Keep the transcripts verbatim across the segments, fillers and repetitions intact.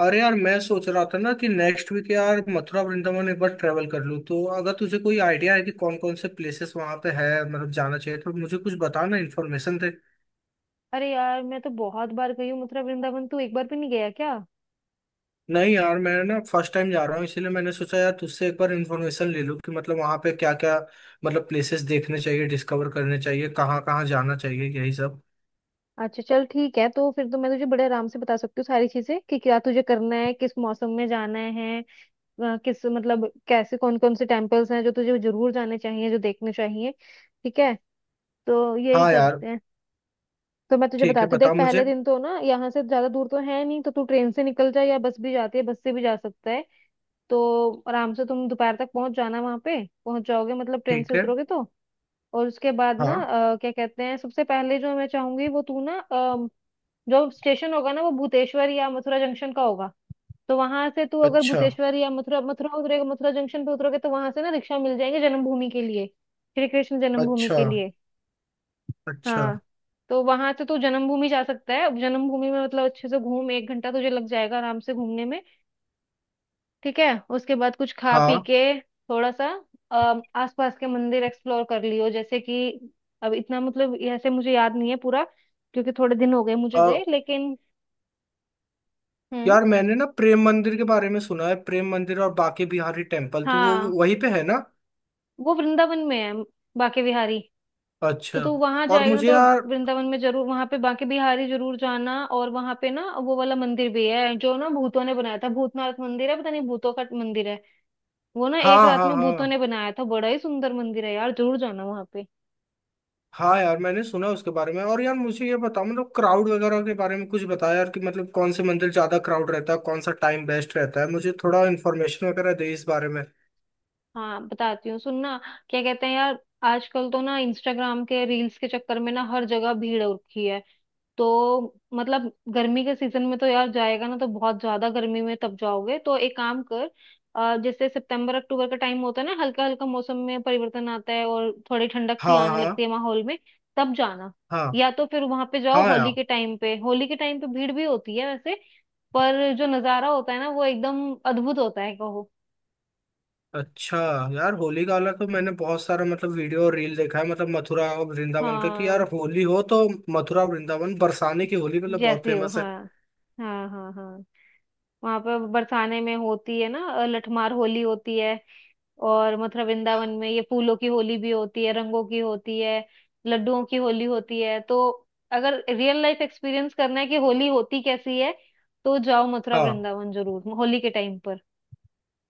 अरे यार, मैं सोच रहा था ना कि नेक्स्ट वीक यार मथुरा वृंदावन एक बार ट्रेवल कर लूँ। तो अगर तुझे कोई आइडिया है कि कौन कौन से प्लेसेस वहाँ पे है मतलब जाना चाहिए तो मुझे कुछ बताना, इन्फॉर्मेशन दे। अरे यार मैं तो बहुत बार गई हूँ मथुरा वृंदावन। तू एक बार भी नहीं गया क्या? नहीं यार, मैं ना फर्स्ट टाइम जा रहा हूँ, इसीलिए मैंने सोचा यार तुझसे एक बार इन्फॉर्मेशन ले लूँ कि मतलब वहाँ पे क्या क्या मतलब प्लेसेस देखने चाहिए, डिस्कवर करने चाहिए, कहाँ कहाँ जाना चाहिए, यही सब। अच्छा चल ठीक है, तो फिर तो मैं तुझे बड़े आराम से बता सकती हूँ सारी चीजें कि क्या तुझे करना है, किस मौसम में जाना है, अ, किस मतलब कैसे, कौन कौन से टेम्पल्स हैं जो तुझे जरूर जाने चाहिए, जो देखने चाहिए। ठीक है, तो यही हाँ यार। करते हैं। तो मैं तुझे ठीक है, बताती हूँ, बता देख मुझे। पहले दिन तो ना यहाँ से ज्यादा दूर तो है नहीं, तो तू ट्रेन से निकल जाए या बस भी जाती है, बस से भी जा सकता है। तो आराम से तुम दोपहर तक पहुंच जाना, वहां पे पहुंच जाओगे मतलब ट्रेन से ठीक है। उतरोगे तो। और उसके बाद ना हाँ। अ, क्या कहते हैं, सबसे पहले जो मैं चाहूंगी वो तू ना, अ, जो स्टेशन होगा ना वो भूतेश्वर या मथुरा जंक्शन का होगा। तो वहां से तू अगर अच्छा, भूतेश्वर या मथुरा मथुरा उतरेगा, मथुरा जंक्शन पे उतरोगे तो वहां से ना रिक्शा मिल जाएंगे, जन्मभूमि के लिए, श्री कृष्ण जन्मभूमि अच्छा, के लिए। अच्छा। हाँ, तो वहां से तू जन्मभूमि जा सकता है, जन्मभूमि में मतलब अच्छे से घूम, एक घंटा तुझे लग जाएगा आराम से घूमने में। ठीक है, उसके बाद कुछ खा पी हाँ के थोड़ा सा, अम, आसपास के मंदिर एक्सप्लोर कर लियो, जैसे कि अब इतना मतलब ऐसे मुझे याद नहीं है पूरा, क्योंकि थोड़े दिन हो गए मुझे गए, लेकिन। हम्म। यार, मैंने ना प्रेम मंदिर के बारे में सुना है। प्रेम मंदिर और बाके बिहारी टेम्पल, तो वो हाँ, वहीं पे है ना? वो वृंदावन में है बांके बिहारी। अच्छा। तो तू वहां और जाएगा ना, मुझे तो यार। वृंदावन में जरूर वहां पे बांके बिहारी जरूर जाना। और वहां पे ना वो वाला मंदिर भी है जो ना भूतों ने बनाया था, भूतनाथ मंदिर है, पता नहीं भूतों का मंदिर है, वो ना एक हाँ रात हाँ में भूतों हाँ। ने बनाया था। बड़ा ही सुंदर मंदिर है यार, जरूर जाना वहां पे। हाँ यार मैंने सुना उसके बारे में। और यार मुझे ये बताओ मतलब क्राउड वगैरह के बारे में कुछ बताया यार, कि मतलब कौन से मंदिर ज्यादा क्राउड रहता है, कौन सा टाइम बेस्ट रहता है, मुझे थोड़ा इन्फॉर्मेशन वगैरह दे इस बारे में। हाँ बताती हूँ, सुनना। क्या कहते हैं यार, आजकल तो ना इंस्टाग्राम के रील्स के चक्कर में ना हर जगह भीड़ हो रखी है। तो मतलब गर्मी के सीजन में तो यार जाएगा ना तो बहुत ज्यादा गर्मी में तब जाओगे, तो एक काम कर, अ, जैसे सितंबर अक्टूबर का टाइम होता है ना, हल्का हल्का मौसम में परिवर्तन आता है और थोड़ी ठंडक सी हाँ आने हाँ लगती है माहौल में, तब जाना। हाँ। या तो फिर वहां पे जाओ हाँ होली यार। के टाइम पे, होली के टाइम पे भीड़ भी होती है वैसे, पर जो नजारा होता है ना वो एकदम अद्भुत होता है, कहो। अच्छा यार, होली का अलग तो मैंने बहुत सारा मतलब वीडियो और रील देखा है मतलब मथुरा और वृंदावन का कि यार हाँ होली हो तो मथुरा और वृंदावन बरसाने की होली मतलब बहुत जैसे हो, फेमस है। हाँ हाँ हाँ। हाँ वहां पर बरसाने में होती है ना अ, लठमार होली होती है। और मथुरा वृंदावन में ये फूलों की होली भी होती है, रंगों की होती है, लड्डुओं की होली होती है। तो अगर रियल लाइफ एक्सपीरियंस करना है कि होली होती कैसी है, तो जाओ मथुरा हाँ। वृंदावन जरूर होली के टाइम पर।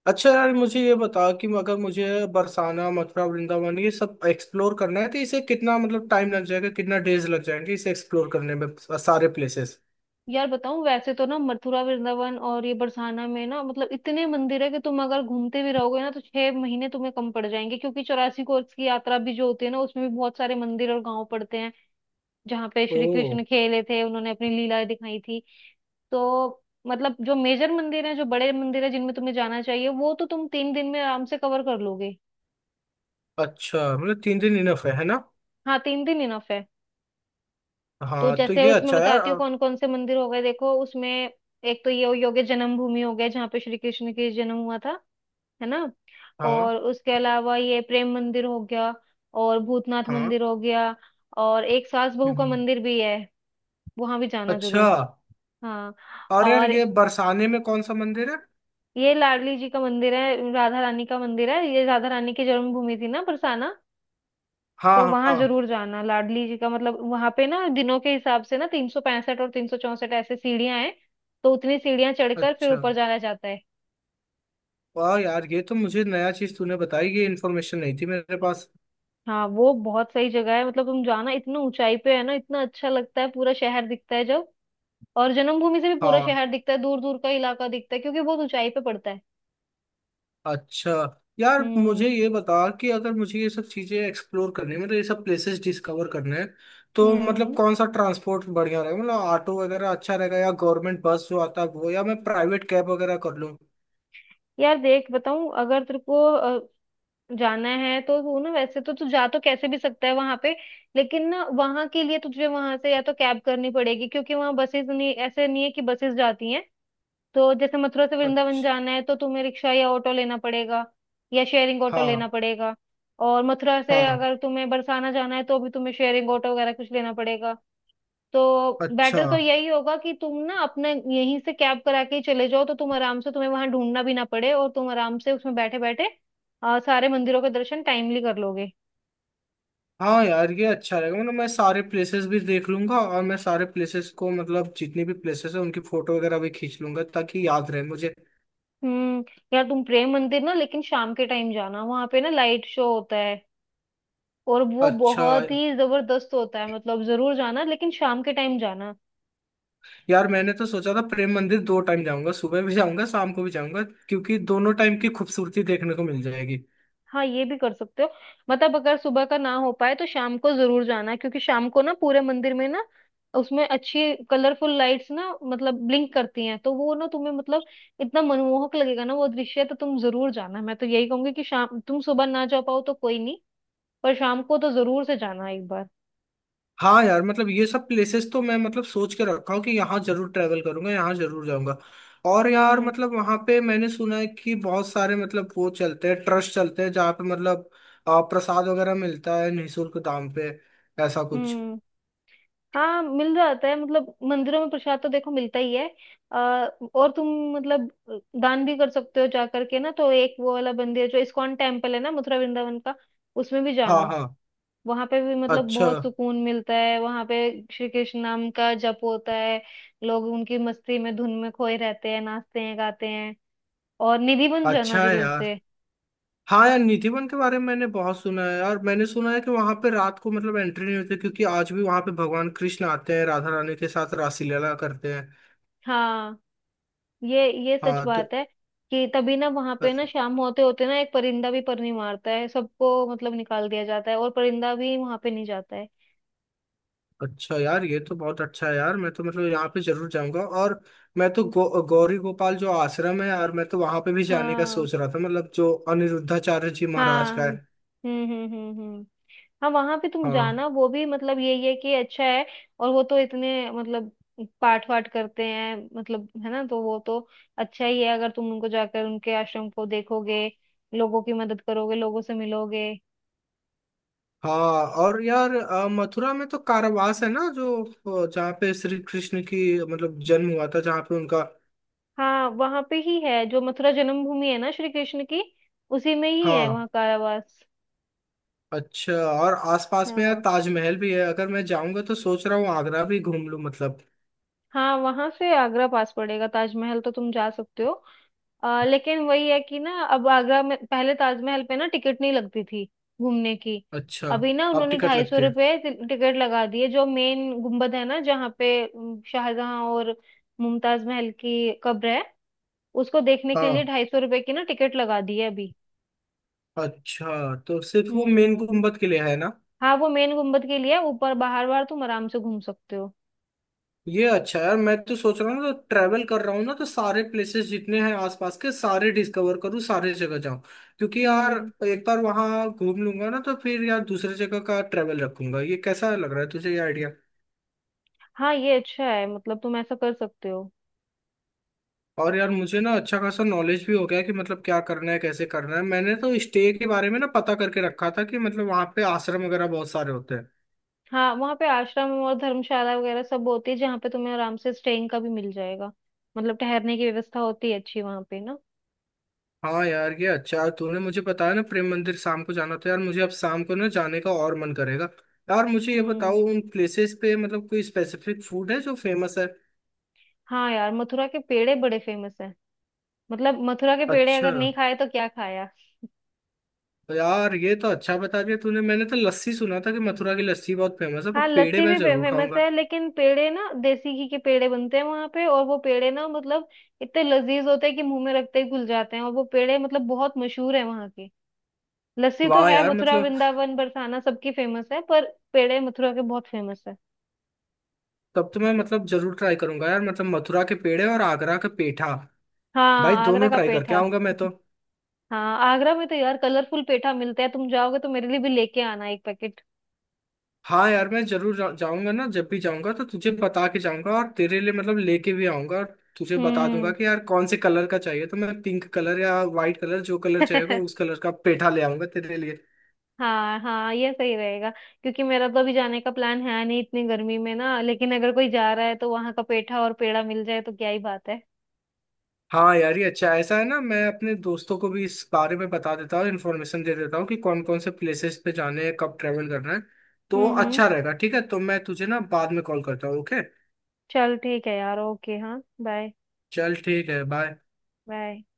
अच्छा यार मुझे ये बता कि अगर मुझे बरसाना मथुरा वृंदावन ये सब एक्सप्लोर करना है तो इसे कितना मतलब टाइम लग जाएगा, कितना डेज लग जाएंगे इसे एक्सप्लोर करने में, सारे प्लेसेस। यार बताऊं, वैसे तो ना मथुरा वृंदावन और ये बरसाना में ना मतलब इतने मंदिर है कि तुम अगर घूमते भी रहोगे ना, तो छह महीने तुम्हें कम पड़ जाएंगे, क्योंकि चौरासी कोर्स की यात्रा भी जो होती है ना उसमें भी बहुत सारे मंदिर और गांव पड़ते हैं, जहाँ पे ओ। श्री कृष्ण खेले थे, उन्होंने अपनी लीला दिखाई थी। तो मतलब जो मेजर मंदिर है, जो बड़े मंदिर है, जिनमें तुम्हें जाना चाहिए, वो तो तुम तीन दिन में आराम से कवर कर लोगे। अच्छा, मतलब तीन दिन इनफ है है ना? हाँ, तीन दिन इनफ है। तो हाँ तो जैसे ये उसमें अच्छा यार। बताती हूँ अ, कौन कौन से मंदिर हो गए, देखो उसमें एक तो ये हो गया जन्मभूमि हो गया, जहाँ पे श्री कृष्ण के जन्म हुआ था, है ना। हाँ। और उसके अलावा ये प्रेम मंदिर हो गया, और भूतनाथ हाँ। मंदिर हो गया, और एक सास बहू का हम्म। मंदिर भी है, वहां भी जाना अच्छा। जरूर। हाँ, और यार और ये बरसाने में कौन सा मंदिर है? ये लाडली जी का मंदिर है, राधा रानी का मंदिर है, ये राधा रानी की जन्मभूमि थी ना बरसाना। हाँ तो हाँ वहां हाँ। जरूर जाना लाडली जी का, मतलब वहां पे ना दिनों के हिसाब से ना तीन सौ पैंसठ और तीन सौ चौसठ ऐसे सीढ़ियां हैं। तो उतनी सीढ़ियां चढ़कर फिर अच्छा। ऊपर जाया जाता है। वाह यार, ये तो मुझे नया चीज तूने बताई, ये इन्फॉर्मेशन नहीं थी मेरे पास। हाँ, वो बहुत सही जगह है मतलब, तुम जाना, इतना ऊंचाई पे है ना, इतना अच्छा लगता है, पूरा शहर दिखता है जब। और जन्मभूमि से भी पूरा हाँ। शहर दिखता है, दूर दूर का इलाका दिखता है, क्योंकि बहुत ऊंचाई पे पड़ता है। अच्छा। यार हम्म। मुझे ये बता कि अगर मुझे ये सब चीजें एक्सप्लोर करनी है मतलब ये सब प्लेसेस डिस्कवर करने हैं तो मतलब हम्म। कौन सा ट्रांसपोर्ट बढ़िया रहेगा, मतलब ऑटो वगैरह अच्छा रहेगा या गवर्नमेंट बस जो आता है वो, या मैं प्राइवेट कैब वगैरह कर लूँ? यार देख बताऊं, अगर तेरे को अ, जाना है तो तू ना, वैसे तो तू जा तो कैसे भी सकता है वहां पे, लेकिन ना वहां के लिए तुझे वहां से या तो कैब करनी पड़ेगी, क्योंकि वहां बसेस नहीं, ऐसे नहीं है कि बसेस जाती हैं। तो जैसे मथुरा से वृंदावन अच्छा। जाना है तो तुम्हें रिक्शा या ऑटो लेना पड़ेगा, या शेयरिंग ऑटो लेना हाँ। पड़ेगा। और मथुरा से हाँ। अगर तुम्हें बरसाना जाना है तो भी तुम्हें शेयरिंग ऑटो वगैरह कुछ लेना पड़ेगा। तो अच्छा। बेटर तो यही होगा कि तुम ना अपने यहीं से कैब करा के ही चले जाओ, तो तुम आराम से, तुम्हें वहां ढूंढना भी ना पड़े और तुम आराम से उसमें बैठे बैठे सारे मंदिरों के दर्शन टाइमली कर लोगे। हाँ यार ये अच्छा रहेगा, मतलब मैं सारे प्लेसेस भी देख लूंगा और मैं सारे प्लेसेस को मतलब जितनी भी प्लेसेस है उनकी फोटो वगैरह भी खींच लूंगा ताकि याद रहे मुझे। हम्म। यार तुम प्रेम मंदिर ना, लेकिन शाम के टाइम जाना, वहां पे ना लाइट शो होता है, और वो अच्छा। बहुत ही जबरदस्त होता है। मतलब जरूर जाना लेकिन शाम के टाइम जाना। यार मैंने तो सोचा था प्रेम मंदिर दो टाइम जाऊंगा, सुबह भी जाऊंगा शाम को भी जाऊंगा, क्योंकि दोनों टाइम की खूबसूरती देखने को मिल जाएगी। हाँ, ये भी कर सकते हो, मतलब अगर सुबह का ना हो पाए तो शाम को जरूर जाना, क्योंकि शाम को ना पूरे मंदिर में ना उसमें अच्छी कलरफुल लाइट्स ना मतलब ब्लिंक करती हैं, तो वो ना तुम्हें मतलब इतना मनमोहक लगेगा ना वो दृश्य, तो तुम जरूर जाना। मैं तो यही कहूंगी कि शाम, तुम सुबह ना जा पाओ तो कोई नहीं, पर शाम को तो जरूर से जाना एक बार। हाँ यार मतलब ये सब प्लेसेस तो मैं मतलब सोच के रखा हूँ कि यहाँ जरूर ट्रैवल करूंगा, यहाँ जरूर जाऊंगा। और यार हम्म। मतलब वहाँ पे मैंने सुना है कि बहुत सारे मतलब वो चलते हैं, ट्रस्ट चलते हैं जहाँ पे मतलब आ, प्रसाद वगैरह मिलता है निःशुल्क दाम पे, ऐसा कुछ। हम्म। हाँ मिल जाता है, मतलब मंदिरों में प्रसाद तो देखो मिलता ही है। अ, और तुम मतलब दान भी कर सकते हो जा करके ना। तो एक वो वाला मंदिर जो इस्कॉन टेम्पल है ना मथुरा वृंदावन का, उसमें भी हाँ जाना, हाँ। वहां पे भी मतलब अच्छा। बहुत सुकून मिलता है वहां पे, श्री कृष्ण नाम का जप होता है, लोग उनकी मस्ती में धुन में खोए रहते हैं, नाचते हैं गाते हैं। और निधि वन जाना अच्छा है जरूर यार। से। हाँ यार निधिवन के बारे में मैंने बहुत सुना है यार, मैंने सुना है कि वहां पे रात को मतलब एंट्री नहीं होती, क्योंकि आज भी वहां पे भगवान कृष्ण आते हैं राधा रानी के साथ रासलीला करते हैं। हाँ, ये ये सच हाँ तो बात है कि तभी ना वहां पे ना शाम होते होते ना एक परिंदा भी पर नहीं मारता है, सबको मतलब निकाल दिया जाता है और परिंदा भी वहां पे नहीं जाता है। अच्छा यार, ये तो बहुत अच्छा है यार, मैं तो मतलब यहाँ पे जरूर जाऊंगा। और मैं तो गौ, गौरी गोपाल जो आश्रम है यार मैं तो वहां पे भी जाने का हाँ सोच रहा था, मतलब जो अनिरुद्धाचार्य जी महाराज हाँ। का हम्म है। हम्म हम्म हम्म। हाँ वहां पे तुम हाँ जाना, वो भी मतलब यही है कि अच्छा है। और वो तो इतने मतलब पाठ वाठ करते हैं, मतलब है ना, तो वो तो अच्छा ही है अगर तुम उनको जाकर उनके आश्रम को देखोगे, लोगों की मदद करोगे, लोगों से मिलोगे। हाँ। और यार, अ, मथुरा में तो कारावास है ना जो, अ, जहाँ पे श्री कृष्ण की मतलब जन्म हुआ था, जहाँ पे उनका। हाँ वहां पे ही है, जो मथुरा जन्मभूमि है ना श्री कृष्ण की, उसी में ही है हाँ। वहाँ कारावास। अच्छा, और आसपास में यार हाँ, ताजमहल भी है, अगर मैं जाऊंगा तो सोच रहा हूँ आगरा भी घूम लूँ मतलब। हाँ वहां से आगरा पास पड़ेगा, ताजमहल तो तुम जा सकते हो। आ, लेकिन वही है कि ना, अब आगरा में पहले ताजमहल पे ना टिकट नहीं लगती थी घूमने की, अच्छा। अभी ना अब उन्होंने टिकट ढाई सौ लगती है? रुपये टिकट लगा दी है। जो मेन गुम्बद है ना, जहाँ पे उम, शाहजहां और मुमताज महल की कब्र है, उसको देखने के लिए हाँ। ढाई सौ रुपये की ना टिकट लगा दी है अभी। अच्छा, तो सिर्फ वो मेन हम्म। गुम्बद किले है ना? हाँ वो मेन गुम्बद के लिए है, ऊपर बाहर बाहर तुम आराम से घूम सकते हो। ये अच्छा है यार, मैं तो सोच रहा हूँ ना तो ट्रैवल कर रहा हूँ ना तो सारे प्लेसेस जितने हैं आसपास के सारे डिस्कवर करूँ, सारे जगह जाऊँ, क्योंकि यार हम्म। एक बार वहाँ घूम लूंगा ना तो फिर यार दूसरे जगह का ट्रैवल रखूंगा। ये कैसा लग रहा है तुझे ये आइडिया? हाँ ये अच्छा है, मतलब तुम ऐसा कर सकते हो। और यार मुझे ना अच्छा खासा नॉलेज भी हो गया कि मतलब क्या करना है कैसे करना है, मैंने तो स्टे के बारे में ना पता करके रखा था कि मतलब वहाँ पे आश्रम वगैरह बहुत सारे होते हैं। हाँ वहाँ पे आश्रम और धर्मशाला वगैरह सब होती है, जहाँ पे तुम्हें आराम से स्टेइंग का भी मिल जाएगा, मतलब ठहरने की व्यवस्था होती है अच्छी वहाँ पे ना। हाँ यार ये अच्छा तूने मुझे बताया ना प्रेम मंदिर शाम को जाना था, यार मुझे अब शाम को ना जाने का और मन करेगा। यार मुझे ये बताओ हम्म। उन प्लेसेस पे मतलब कोई स्पेसिफिक फूड है जो फेमस है? हाँ यार मथुरा के पेड़े बड़े फेमस हैं, मतलब मथुरा के पेड़े अच्छा। अगर नहीं खाए तो क्या खाया। तो यार ये तो अच्छा बता दिया तूने, मैंने तो लस्सी सुना था कि मथुरा की लस्सी बहुत फेमस है, पर हाँ पेड़े लस्सी मैं भी जरूर फेमस खाऊंगा। है लेकिन पेड़े ना देसी घी के पेड़े बनते हैं वहां पे, और वो पेड़े ना मतलब इतने लजीज होते हैं कि मुंह में रखते ही घुल जाते हैं, और वो पेड़े मतलब बहुत मशहूर है वहां के। लस्सी तो वाह है यार मथुरा मतलब वृंदावन बरसाना सबकी फेमस है, पर पेड़े मथुरा के बहुत फेमस है। तब तो मैं मतलब जरूर ट्राई करूंगा यार, मतलब मथुरा के पेड़े और आगरा का पेठा, भाई हाँ आगरा दोनों का ट्राई करके पेठा। आऊंगा मैं तो। हाँ आगरा में तो यार कलरफुल पेठा मिलता है, तुम जाओगे तो मेरे लिए भी लेके आना एक पैकेट। हाँ यार मैं जरूर जा, जाऊंगा, ना जब भी जाऊंगा तो तुझे बता के जाऊंगा और तेरे लिए मतलब लेके भी आऊंगा, और तुझे बता दूंगा हम्म। कि यार कौन से कलर का चाहिए, तो मैं पिंक कलर या वाइट कलर जो कलर चाहिएगा उस कलर का पेठा ले आऊंगा तेरे लिए। हाँ हाँ ये सही रहेगा, क्योंकि मेरा तो अभी जाने का प्लान है नहीं इतनी गर्मी में ना, लेकिन अगर कोई जा रहा है तो वहां का पेठा और पेड़ा मिल जाए तो क्या ही बात है। हाँ यार ये अच्छा है। ऐसा है ना, मैं अपने दोस्तों को भी इस बारे में बता देता हूँ, इन्फॉर्मेशन दे देता हूँ कि कौन कौन से प्लेसेस पे जाने हैं, कब ट्रेवल करना है, तो हम्म। हम्म। अच्छा रहेगा। ठीक है, तो मैं तुझे ना बाद में कॉल करता हूँ, ओके। चल ठीक है यार, ओके, हाँ बाय। चल ठीक है, बाय। बाय।